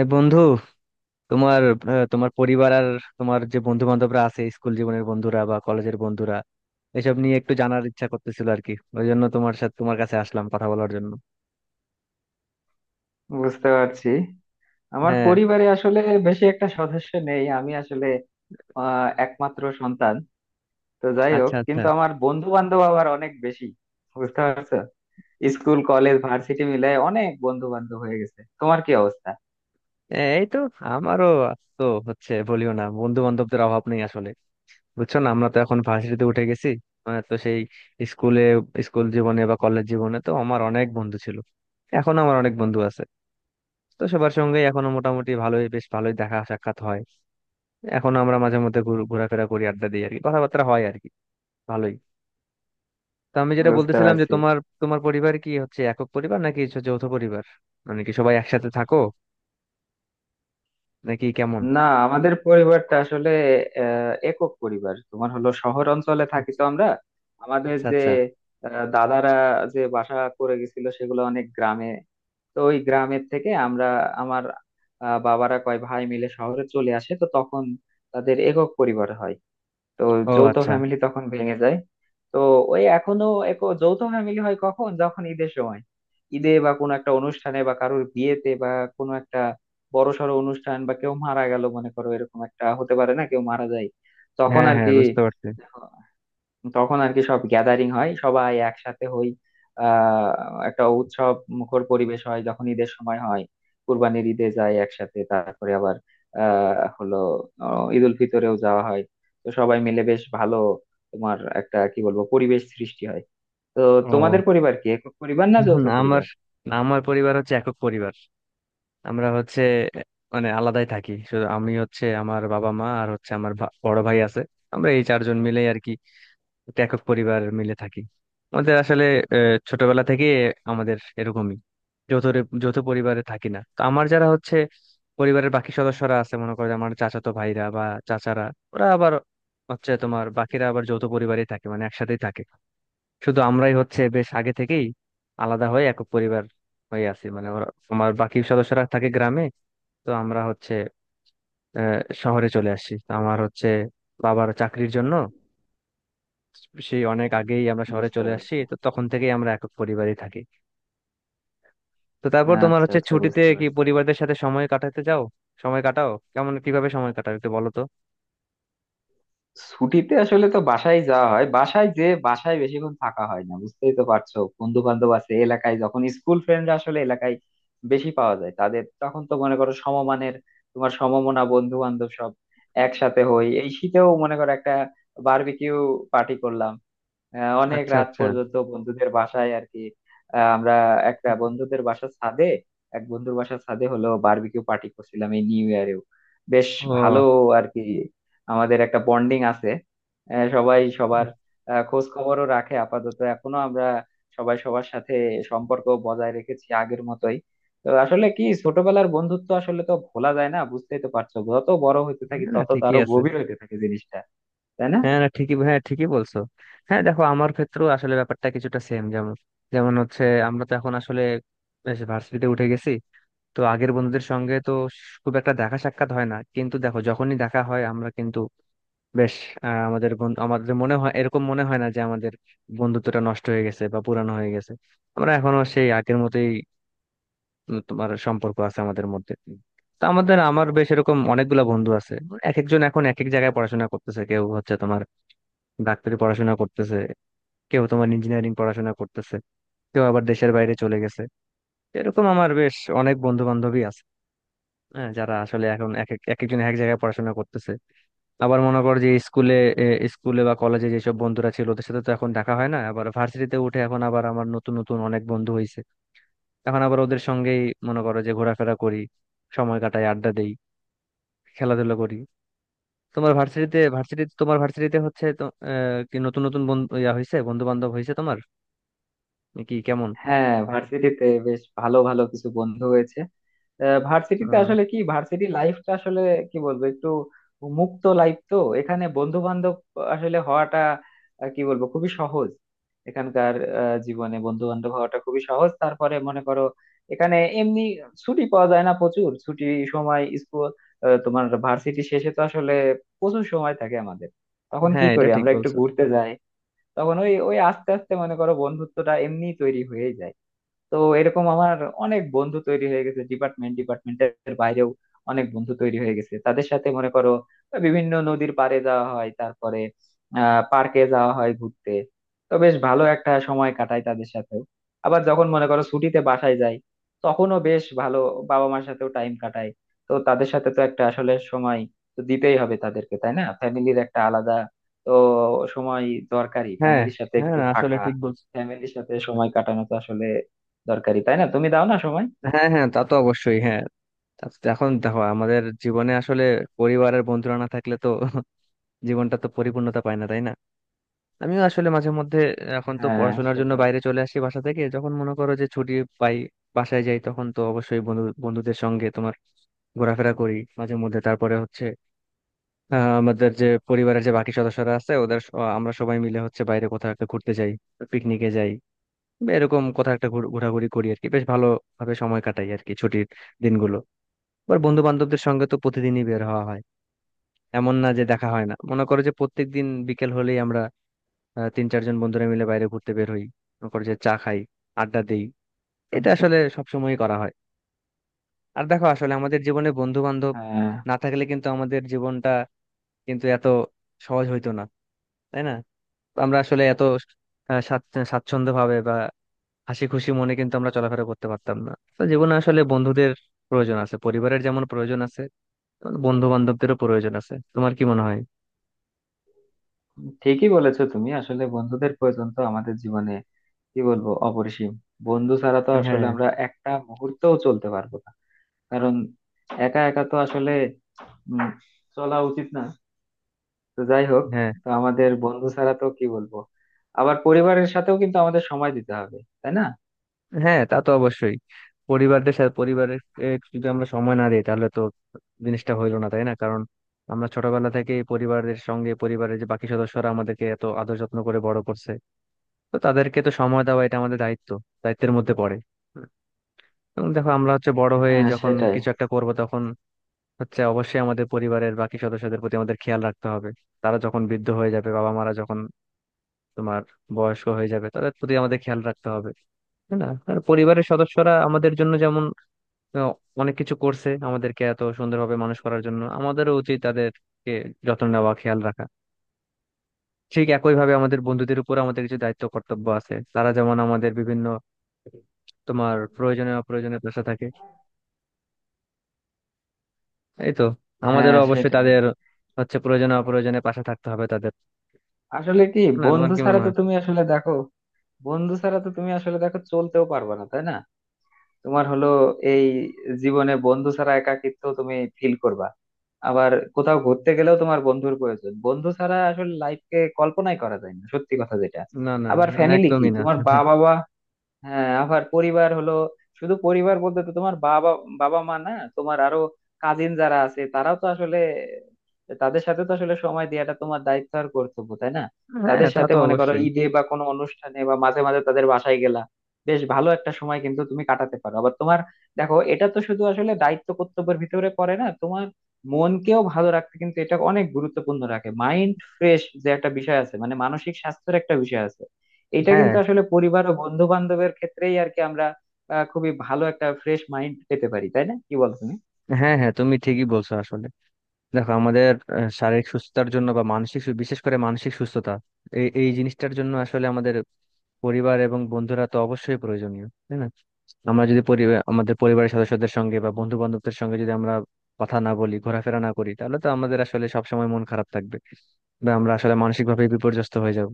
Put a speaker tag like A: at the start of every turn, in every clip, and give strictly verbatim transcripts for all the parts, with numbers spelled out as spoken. A: এ বন্ধু, তোমার আহ, তোমার পরিবার আর তোমার যে বন্ধু বান্ধবরা আছে স্কুল জীবনের বন্ধুরা বা কলেজের বন্ধুরা এসব নিয়ে একটু জানার ইচ্ছা করতেছিল আর কি। ওই জন্য তোমার সাথে তোমার কাছে আসলাম কথা বলার জন্য।
B: বুঝতে পারছি। আমার
A: হ্যাঁ।
B: পরিবারে আসলে বেশি একটা সদস্য নেই। আমি আসলে আহ, একমাত্র সন্তান। তো যাই হোক,
A: আচ্ছা আচ্ছা।
B: কিন্তু আমার বন্ধু বান্ধব আবার অনেক বেশি। বুঝতে পারছো, স্কুল কলেজ ভার্সিটি মিলায় অনেক বন্ধু বান্ধব হয়ে গেছে। তোমার কি অবস্থা?
A: এ, এই তো, আমারও তো হচ্ছে। বলিও না, বন্ধু বান্ধবদের অভাব নেই আসলে। বুঝছো না, আমরা তো এখন ভার্সিটিতে উঠে গেছি। মানে তো সেই স্কুলে, স্কুল জীবনে বা কলেজ জীবনে তো আমার অনেক বন্ধু ছিল, এখন আমার অনেক বন্ধু আছে। তো সবার সঙ্গে এখনো মোটামুটি ভালোই, বেশ ভালোই দেখা সাক্ষাৎ হয়। এখন আমরা মাঝে মধ্যে ঘুর- ঘোরাফেরা করি, আড্ডা দিই আর কি, কথাবার্তা হয় আর কি। ভালোই। তো আমি যেটা
B: বুঝতে
A: বলতেছিলাম যে
B: পারছি।
A: তোমার তোমার পরিবার কি হচ্ছে একক পরিবার নাকি হচ্ছে যৌথ পরিবার? মানে কি সবাই একসাথে থাকো নাকি কেমন?
B: না, আমাদের পরিবারটা আসলে আহ, একক পরিবার। তোমার হলো শহর অঞ্চলে থাকি তো আমরা। আমাদের
A: আচ্ছা
B: যে
A: আচ্ছা।
B: আহ, দাদারা যে বাসা করে গেছিল সেগুলো অনেক গ্রামে। তো ওই গ্রামের থেকে আমরা, আমার আহ, বাবারা কয় ভাই মিলে শহরে চলে আসে। তো তখন তাদের একক পরিবার হয়। তো
A: ও
B: যৌথ
A: আচ্ছা।
B: ফ্যামিলি তখন ভেঙে যায়। তো ওই এখনো একক যৌথ ফ্যামিলি হয় কখন, যখন ঈদের সময়। ঈদে বা কোনো একটা অনুষ্ঠানে বা কারোর বিয়েতে বা কোনো একটা বড়সড় অনুষ্ঠান, বা কেউ মারা গেল মনে করো, এরকম একটা হতে পারে না, কেউ মারা যায়, তখন
A: হ্যাঁ
B: আর
A: হ্যাঁ,
B: কি।
A: বুঝতে পারছি।
B: তখন আর কি, সব গ্যাদারিং হয়, সবাই একসাথে হই। আহ, একটা উৎসব মুখর পরিবেশ হয় যখন ঈদের সময় হয়। কুরবানির ঈদে যায় একসাথে, তারপরে আবার আহ হলো আহ, ঈদ উল ফিতরেও যাওয়া হয়। তো সবাই মিলে বেশ ভালো, তোমার একটা কি বলবো, পরিবেশ সৃষ্টি হয়। তো তোমাদের
A: ও।
B: পরিবার কি একক পরিবার না যৌথ
A: না আমার
B: পরিবার?
A: না, আমার পরিবার হচ্ছে একক পরিবার। আমরা হচ্ছে মানে আলাদাই থাকি। শুধু আমি হচ্ছে, আমার বাবা মা আর হচ্ছে আমার ভা- বড় ভাই আছে। আমরা এই চারজন মিলে আর কি একটা একক পরিবার মিলে থাকি। আমাদের আসলে আহ, ছোটবেলা থেকে আমাদের এরকমই। যৌথ রে- যৌথ পরিবারে থাকি না তো। আমার যারা হচ্ছে পরিবারের বাকি সদস্যরা আছে, মনে করো যে আমার চাচাতো ভাইরা বা চাচারা, ওরা আবার হচ্ছে তোমার বাকিরা আবার যৌথ পরিবারেই থাকে, মানে একসাথেই থাকে। শুধু আমরাই হচ্ছে বেশ আগে থেকেই আলাদা হয়ে একক পরিবার হয়ে আছি। মানে ওরা, আমার বাকি সদস্যরা থাকে গ্রামে। তো আমরা হচ্ছে আহ, শহরে চলে আসি তো। আমার হচ্ছে বাবার চাকরির জন্য সেই অনেক আগেই আমরা শহরে
B: বুঝতে
A: চলে আসছি,
B: পারছি।
A: তো তখন থেকেই আমরা একক পরিবারই থাকি। তো তারপর তোমার
B: আচ্ছা
A: হচ্ছে
B: আচ্ছা,
A: ছুটিতে
B: বুঝতে
A: কি
B: পারছি।
A: পরিবারদের সাথে সময় কাটাতে যাও? সময় কাটাও কেমন, কিভাবে সময় কাটাও একটু বলো তো।
B: ছুটিতে আসলে তো বাসায় যাওয়া হয়, বাসায় যে বাসায় বেশিক্ষণ থাকা হয় না, বুঝতেই তো পারছো। বন্ধু বান্ধব আছে এলাকায়, যখন স্কুল ফ্রেন্ডরা আসলে এলাকায় বেশি পাওয়া যায় তাদের, তখন তো মনে করো সমমানের, তোমার সমমনা বন্ধু বান্ধব সব একসাথে হই। এই শীতেও মনে করো একটা বারবিকিউ পার্টি করলাম। আহ, অনেক
A: আচ্ছা
B: রাত
A: আচ্ছা।
B: পর্যন্ত বন্ধুদের বাসায় আর কি। আহ, আমরা একটা বন্ধুদের বাসার ছাদে, এক বন্ধুর বাসার ছাদে হলো বারবিকিউ পার্টি করছিলাম এই নিউ ইয়ারেও। বেশ
A: ও।
B: ভালো আর কি। আমাদের একটা বন্ডিং আছে। আহ, সবাই সবার আহ, খোঁজ খবরও রাখে। আপাতত এখনো আমরা সবাই সবার সাথে সম্পর্ক বজায় রেখেছি আগের মতোই। তো আসলে কি, ছোটবেলার বন্ধুত্ব আসলে তো ভোলা যায় না, বুঝতেই তো পারছো। যত বড় হতে থাকি
A: হ্যাঁ না,
B: তত
A: ঠিকই
B: তারও
A: আছে।
B: গভীর হতে থাকে জিনিসটা, তাই না?
A: হ্যাঁ না ঠিকই, হ্যাঁ ঠিকই বলছো। হ্যাঁ দেখো, আমার ক্ষেত্রেও আসলে ব্যাপারটা কিছুটা সেম। যেমন যেমন হচ্ছে, আমরা তো এখন আসলে বেশ ভার্সিটিতে উঠে গেছি। তো আগের বন্ধুদের সঙ্গে তো খুব একটা দেখা সাক্ষাৎ হয় না, কিন্তু দেখো যখনই দেখা হয় আমরা কিন্তু বেশ আহ, আমাদের বন- আমাদের মনে হয়, এরকম মনে হয় না যে আমাদের বন্ধুত্বটা নষ্ট হয়ে গেছে বা পুরানো হয়ে গেছে। আমরা এখনো সেই আগের মতোই উম, তোমার সম্পর্ক আছে আমাদের মধ্যে। তো আমাদের, আমার বেশ এরকম অনেকগুলা বন্ধু আছে। এক একজন এখন এক এক জায়গায় পড়াশোনা করতেছে। কেউ হচ্ছে তোমার ডাক্তারি পড়াশোনা করতেছে, কেউ তোমার ইঞ্জিনিয়ারিং পড়াশোনা করতেছে, কেউ আবার দেশের বাইরে চলে গেছে। এরকম আমার বেশ অনেক বন্ধু বান্ধবী আছে, হ্যাঁ, যারা আসলে এখন এক এক এক একজন এক এক জায়গায় পড়াশোনা করতেছে। আবার মনে কর যে স্কুলে, এ, স্কুলে বা কলেজে যেসব বন্ধুরা ছিল ওদের সাথে তো এখন দেখা হয় না। আবার ভার্সিটিতে উঠে এখন আবার আমার নতুন নতুন অনেক বন্ধু হয়েছে, এখন আবার ওদের সঙ্গেই মনে করো যে ঘোরাফেরা করি, সময় কাটাই, আড্ডা দেই, খেলাধুলা করি। তোমার ভার্সিটিতে ভার্সিটি তোমার ভার্সিটিতে হচ্ছে তো আহ, কি নতুন নতুন বন্ধু ইয়া হয়েছে, বন্ধু বান্ধব হয়েছে তোমার কি কেমন?
B: হ্যাঁ, ভার্সিটিতে বেশ ভালো ভালো কিছু বন্ধু হয়েছে। আহ, ভার্সিটিতে
A: আহ,
B: আসলে কি, ভার্সিটি লাইফটা আসলে কি বলবো, একটু মুক্ত লাইফ তো। এখানে বন্ধু বান্ধব আসলে হওয়াটা আহ, কি বলবো, খুবই সহজ। এখানকার আহ, জীবনে বন্ধু বান্ধব হওয়াটা খুবই সহজ। তারপরে মনে করো এখানে এমনি ছুটি পাওয়া যায় না, প্রচুর ছুটি সময় স্কুল আহ, তোমার ভার্সিটি শেষে তো আসলে প্রচুর সময় থাকে আমাদের। তখন কি
A: হ্যাঁ, এটা
B: করি,
A: ঠিক
B: আমরা একটু
A: বলছো।
B: ঘুরতে যাই। তখন ওই ওই আস্তে আস্তে মনে করো বন্ধুত্বটা এমনি তৈরি হয়ে যায়। তো এরকম আমার অনেক বন্ধু তৈরি হয়ে গেছে, ডিপার্টমেন্ট ডিপার্টমেন্টের বাইরেও অনেক বন্ধু তৈরি হয়ে গেছে। তাদের সাথে মনে করো বিভিন্ন নদীর পাড়ে যাওয়া হয়, তারপরে আহ পার্কে যাওয়া হয় ঘুরতে। তো বেশ ভালো একটা সময় কাটাই তাদের সাথেও। আবার যখন মনে করো ছুটিতে বাসায় যাই, তখনও বেশ ভালো বাবা মার সাথেও টাইম কাটাই। তো তাদের সাথে তো একটা আসলে সময় তো দিতেই হবে তাদেরকে, তাই না? ফ্যামিলির একটা আলাদা তো সময় দরকারি,
A: হ্যাঁ
B: ফ্যামিলির সাথে
A: হ্যাঁ,
B: একটু
A: আসলে
B: থাকা,
A: ঠিক বলছো।
B: ফ্যামিলির সাথে সময় কাটানো তো আসলে দরকারি, তাই না? তুমি দাও না সময়?
A: হ্যাঁ হ্যাঁ তা তো অবশ্যই, হ্যাঁ। তা- এখন দেখো আমাদের জীবনে আসলে পরিবারের বন্ধুরা না থাকলে তো জীবনটা তো পরিপূর্ণতা পায় না, তাই না? আমিও আসলে মাঝে মধ্যে, এখন তো
B: হ্যাঁ
A: পড়াশোনার জন্য
B: সেটাই।
A: বাইরে চলে আসি বাসা থেকে। যখন মনে করো যে ছুটি পাই, বাসায় যাই, তখন তো অবশ্যই বন্ধু বন্ধুদের সঙ্গে তোমার ঘোরাফেরা করি মাঝে মধ্যে। তারপরে হচ্ছে আহ, আমাদের যে পরিবারের যে বাকি সদস্যরা আছে ওদের স- আমরা সবাই মিলে হচ্ছে বাইরে কোথাও একটা ঘুরতে যাই, পিকনিকে যাই, বা এরকম কোথাও একটা ঘুর- ঘোরাঘুরি করি আর কি। বেশ ভালো ভাবে সময় কাটাই আর কি ছুটির দিনগুলো। আবার বন্ধু বান্ধবদের সঙ্গে তো প্রতিদিনই বের হওয়া হয়, এমন না যে দেখা হয় না। মনে করো যে প্রত্যেকদিন বিকেল হলেই আমরা আহ, তিন চারজন বন্ধুরা মিলে বাইরে ঘুরতে বের হই, মনে করো যে চা খাই, আড্ডা দেই, এটা আসলে সবসময়ই করা হয়। আর দেখো আসলে আমাদের জীবনে বন্ধু বান্ধব
B: হ্যাঁ
A: না থাকলে কিন্তু আমাদের জীবনটা কিন্তু এত সহজ হইতো না, তাই না? আমরা আসলে এত আহ, স্বাচ্ছ- স্বাচ্ছন্দ্য ভাবে বা হাসি খুশি মনে কিন্তু আমরা চলাফেরা করতে পারতাম না। তো জীবনে আসলে বন্ধুদের প্রয়োজন আছে, পরিবারের যেমন প্রয়োজন আছে বন্ধু বান্ধবদেরও প্রয়োজন আছে। তোমার কি মনে হয়?
B: ঠিকই বলেছো তুমি, আসলে বন্ধুদের প্রয়োজন তো আমাদের জীবনে কি বলবো, অপরিসীম। বন্ধু ছাড়া তো আসলে
A: হ্যাঁ।
B: আমরা একটা মুহূর্তও চলতে পারবো না। কারণ একা একা তো আসলে উম, চলা উচিত না। তো যাই হোক।
A: হ্যাঁ
B: তো আমাদের বন্ধু ছাড়া তো কি বলবো, আবার পরিবারের সাথেও কিন্তু আমাদের সময় দিতে হবে, তাই না?
A: হ্যাঁ তা তো অবশ্যই। পরিবারদের সাথে, পরিবারের এ, যদি আমরা সময় না দিই তাহলে তো জিনিসটা হইলো না, তাই না? কারণ আমরা ছোটবেলা থেকে পরিবারের সঙ্গে, পরিবারের যে বাকি সদস্যরা আমাদেরকে এত আদর যত্ন করে বড় করছে, তো তাদেরকে তো সময় দেওয়া এটা আমাদের দায়িত্ব, দায়িত্বের মধ্যে পড়ে। এবং দেখো আমরা হচ্ছে বড় হয়ে
B: হ্যাঁ
A: যখন
B: সেটাই।
A: কিছু একটা করব, তখন হচ্ছে অবশ্যই আমাদের পরিবারের বাকি সদস্যদের প্রতি আমাদের খেয়াল রাখতে হবে। তারা যখন বৃদ্ধ হয়ে যাবে, বাবা মারা যখন তোমার বয়স্ক হয়ে যাবে, তাদের প্রতি আমাদের খেয়াল রাখতে হবে, তাই না? আর পরিবারের সদস্যরা আমাদের জন্য যেমন তো অনেক কিছু করছে, আমাদেরকে এত সুন্দরভাবে মানুষ করার জন্য, আমাদেরও উচিত তাদেরকে যত্ন নেওয়া, খেয়াল রাখা। ঠিক একইভাবে আমাদের বন্ধুদের উপর আমাদের কিছু দায়িত্ব কর্তব্য আছে। তারা যেমন আমাদের বিভিন্ন তোমার প্রয়োজনে অপ্রয়োজনে পাশে থাকে, এই তো,
B: হ্যাঁ
A: আমাদেরও অবশ্যই
B: সেটাই।
A: তাদের হচ্ছে প্রয়োজনে অপ্রয়োজনে পাশে থাকতে হবে। তাদের
B: আসলে কি,
A: না, তোমার
B: বন্ধু
A: কি
B: ছাড়া
A: মনে
B: তো
A: হয়?
B: তুমি আসলে দেখো, বন্ধু ছাড়া তো তুমি আসলে দেখো চলতেও পারবে না, তাই না? তোমার হলো এই জীবনে বন্ধু ছাড়া একাকিত্ব তুমি ফিল করবা। আবার কোথাও ঘুরতে গেলেও তোমার বন্ধুর প্রয়োজন। বন্ধু ছাড়া আসলে লাইফকে কল্পনাই করা যায় না, সত্যি কথা যেটা।
A: না। না,
B: আবার
A: না,
B: ফ্যামিলি কি,
A: একদমই না
B: তোমার বাবা মা। হ্যাঁ, আবার পরিবার হলো, শুধু পরিবার বলতে তো তোমার বাবা বাবা মা না, তোমার আরো কাজিন যারা আছে তারাও তো আসলে, তাদের সাথে তো আসলে সময় দেওয়াটা তোমার দায়িত্ব আর কর্তব্য, তাই না?
A: হ্যাঁ
B: তাদের
A: তা
B: সাথে
A: তো
B: মনে করো
A: অবশ্যই।
B: ঈদে বা কোনো অনুষ্ঠানে বা মাঝে মাঝে তাদের বাসায় গেলা বেশ ভালো একটা সময় কিন্তু তুমি কাটাতে পারো। আবার তোমার দেখো, এটা তো শুধু আসলে দায়িত্ব কর্তব্যের ভিতরে পড়ে না, তোমার মনকেও ভালো রাখতে কিন্তু এটা অনেক গুরুত্বপূর্ণ রাখে। মাইন্ড ফ্রেশ যে একটা বিষয় আছে, মানে মানসিক স্বাস্থ্যের একটা বিষয় আছে, এটা
A: হ্যাঁ
B: কিন্তু আসলে পরিবার ও বন্ধু বান্ধবের ক্ষেত্রেই আর কি আমরা আহ, খুবই ভালো একটা ফ্রেশ মাইন্ড পেতে পারি, তাই না? কি বল তুমি?
A: হ্যাঁ, হ্যাঁ তুমি ঠিকই বলছো আসলে। দেখো আমাদের আহ, শারীরিক সুস্থতার জন্য বা মানসিক সু- বিশেষ করে মানসিক সুস্থতা, এই এই জিনিসটার জন্য আসলে আমাদের পরিবার এবং বন্ধুরা তো অবশ্যই প্রয়োজনীয়, তাই না? আমরা যদি পরিবার, আমাদের পরিবারের সদস্যদের সঙ্গে বা বন্ধু বান্ধবদের সঙ্গে যদি আমরা কথা না বলি, ঘোরাফেরা না করি, তাহলে তো আমাদের আসলে সবসময় মন খারাপ থাকবে, বা আমরা আসলে মানসিক ভাবে বিপর্যস্ত হয়ে যাব।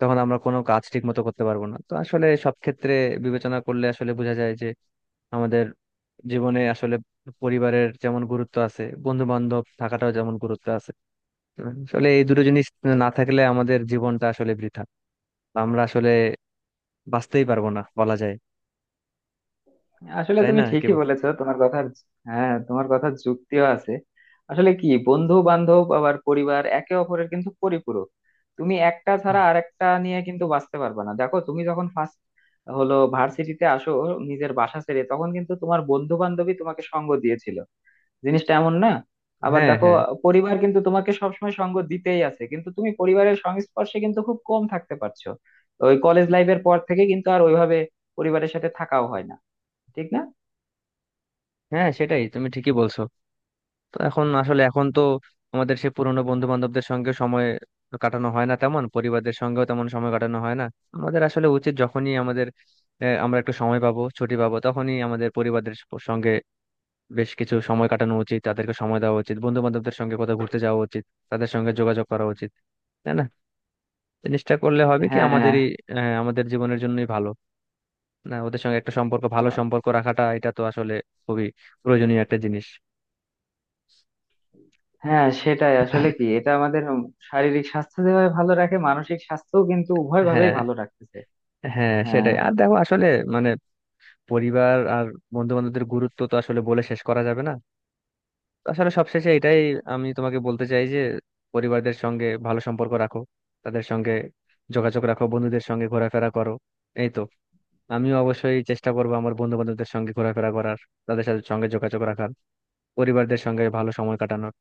A: তখন আমরা কোনো কাজ ঠিক মতো করতে পারবো না। তো আসলে সব ক্ষেত্রে বিবেচনা করলে আসলে বোঝা যায় যে আমাদের জীবনে আসলে পরিবারের যেমন গুরুত্ব আছে, বন্ধু বান্ধব থাকাটাও যেমন গুরুত্ব আছে। আসলে এই দুটো জিনিস না থাকলে আমাদের জীবনটা আসলে বৃথা, আমরা আসলে বাঁচতেই পারবো না বলা যায়।
B: আসলে
A: তাই
B: তুমি
A: না, কি
B: ঠিকই
A: বল-
B: বলেছো, তোমার কথার, হ্যাঁ তোমার কথার যুক্তিও আছে। আসলে কি, বন্ধু বান্ধব আবার পরিবার একে অপরের কিন্তু পরিপূরক। তুমি একটা ছাড়া আরেকটা নিয়ে কিন্তু বাঁচতে পারবে না। দেখো তুমি যখন ফার্স্ট হলো ভার্সিটিতে আসো নিজের বাসা ছেড়ে, তখন কিন্তু তোমার বন্ধু বান্ধবী তোমাকে সঙ্গ দিয়েছিল, জিনিসটা এমন না? আবার
A: হ্যাঁ।
B: দেখো,
A: হ্যাঁ
B: পরিবার কিন্তু তোমাকে সবসময় সঙ্গ দিতেই আছে, কিন্তু তুমি পরিবারের সংস্পর্শে কিন্তু খুব কম থাকতে পারছো। ওই কলেজ লাইফের পর থেকে কিন্তু আর ওইভাবে পরিবারের সাথে থাকাও হয় না, ঠিক না?
A: হ্যাঁ সেটাই, তুমি ঠিকই বলছো। তো এখন আসলে এখন তো আমাদের সে পুরোনো বন্ধু বান্ধবদের সঙ্গে সময় কাটানো হয় না তেমন, পরিবারদের সঙ্গেও তেমন সময় কাটানো হয় না। আমাদের আসলে উচিত যখনই আমাদের আহ, আমরা একটু সময় পাবো, ছুটি পাবো, তখনই আমাদের পরিবারদের সঙ্গে বেশ কিছু সময় কাটানো উচিত, তাদেরকে সময় দেওয়া উচিত, বন্ধু বান্ধবদের সঙ্গে কোথাও ঘুরতে যাওয়া উচিত, তাদের সঙ্গে যোগাযোগ করা উচিত, তাই না? জিনিসটা করলে হবে কি,
B: হ্যাঁ
A: আমাদেরই আহ, আমাদের জীবনের জন্যই ভালো। না, ওদের সঙ্গে একটা সম্পর্ক, ভালো
B: আমার,
A: সম্পর্ক রাখাটা এটা তো আসলে খুবই প্রয়োজনীয় একটা জিনিস।
B: হ্যাঁ সেটাই। আসলে কি এটা আমাদের শারীরিক স্বাস্থ্য যেভাবে ভালো রাখে, মানসিক স্বাস্থ্যও কিন্তু উভয় ভাবেই
A: হ্যাঁ
B: ভালো রাখতেছে।
A: হ্যাঁ
B: হ্যাঁ।
A: সেটাই। আর দেখো আসলে মানে পরিবার আর বন্ধু বান্ধবদের গুরুত্ব তো আসলে বলে শেষ করা যাবে না। আসলে সবশেষে এটাই আমি তোমাকে বলতে চাই যে পরিবারদের সঙ্গে ভালো সম্পর্ক রাখো, তাদের সঙ্গে যোগাযোগ রাখো, বন্ধুদের সঙ্গে ঘোরাফেরা করো, এই তো। আমিও অবশ্যই চেষ্টা করবো আমার বন্ধু বান্ধবদের সঙ্গে ঘোরাফেরা করার, তাদের সাথে, সঙ্গে যোগাযোগ রাখার, পরিবারদের সঙ্গে ভালো সময় কাটানোর।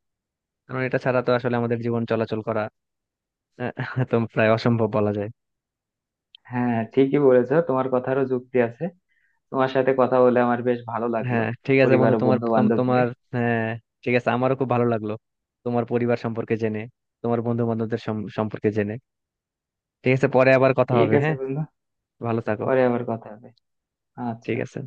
A: কারণ এটা ছাড়া তো আসলে আমাদের জীবন চলাচল করা আহ, তো প্রায় অসম্ভব বলা যায়।
B: হ্যাঁ ঠিকই বলেছো, তোমার কথারও যুক্তি আছে। তোমার সাথে কথা বলে আমার বেশ ভালো লাগলো
A: হ্যাঁ ঠিক আছে
B: পরিবার
A: বন্ধু,
B: ও
A: তোমার
B: বন্ধু
A: তোম-
B: বান্ধব নিয়ে।
A: তোমার। হ্যাঁ। ঠিক আছে, আমারও খুব ভালো লাগলো তোমার পরিবার সম্পর্কে জেনে, তোমার বন্ধু বান্ধবদের সম্পর্কে জেনে। ঠিক আছে, পরে আবার কথা
B: ঠিক
A: হবে,
B: আছে
A: হ্যাঁ।
B: বন্ধু,
A: ভালো থাকো।
B: পরে আবার কথা হবে।
A: ঠিক
B: আচ্ছা।
A: আছে।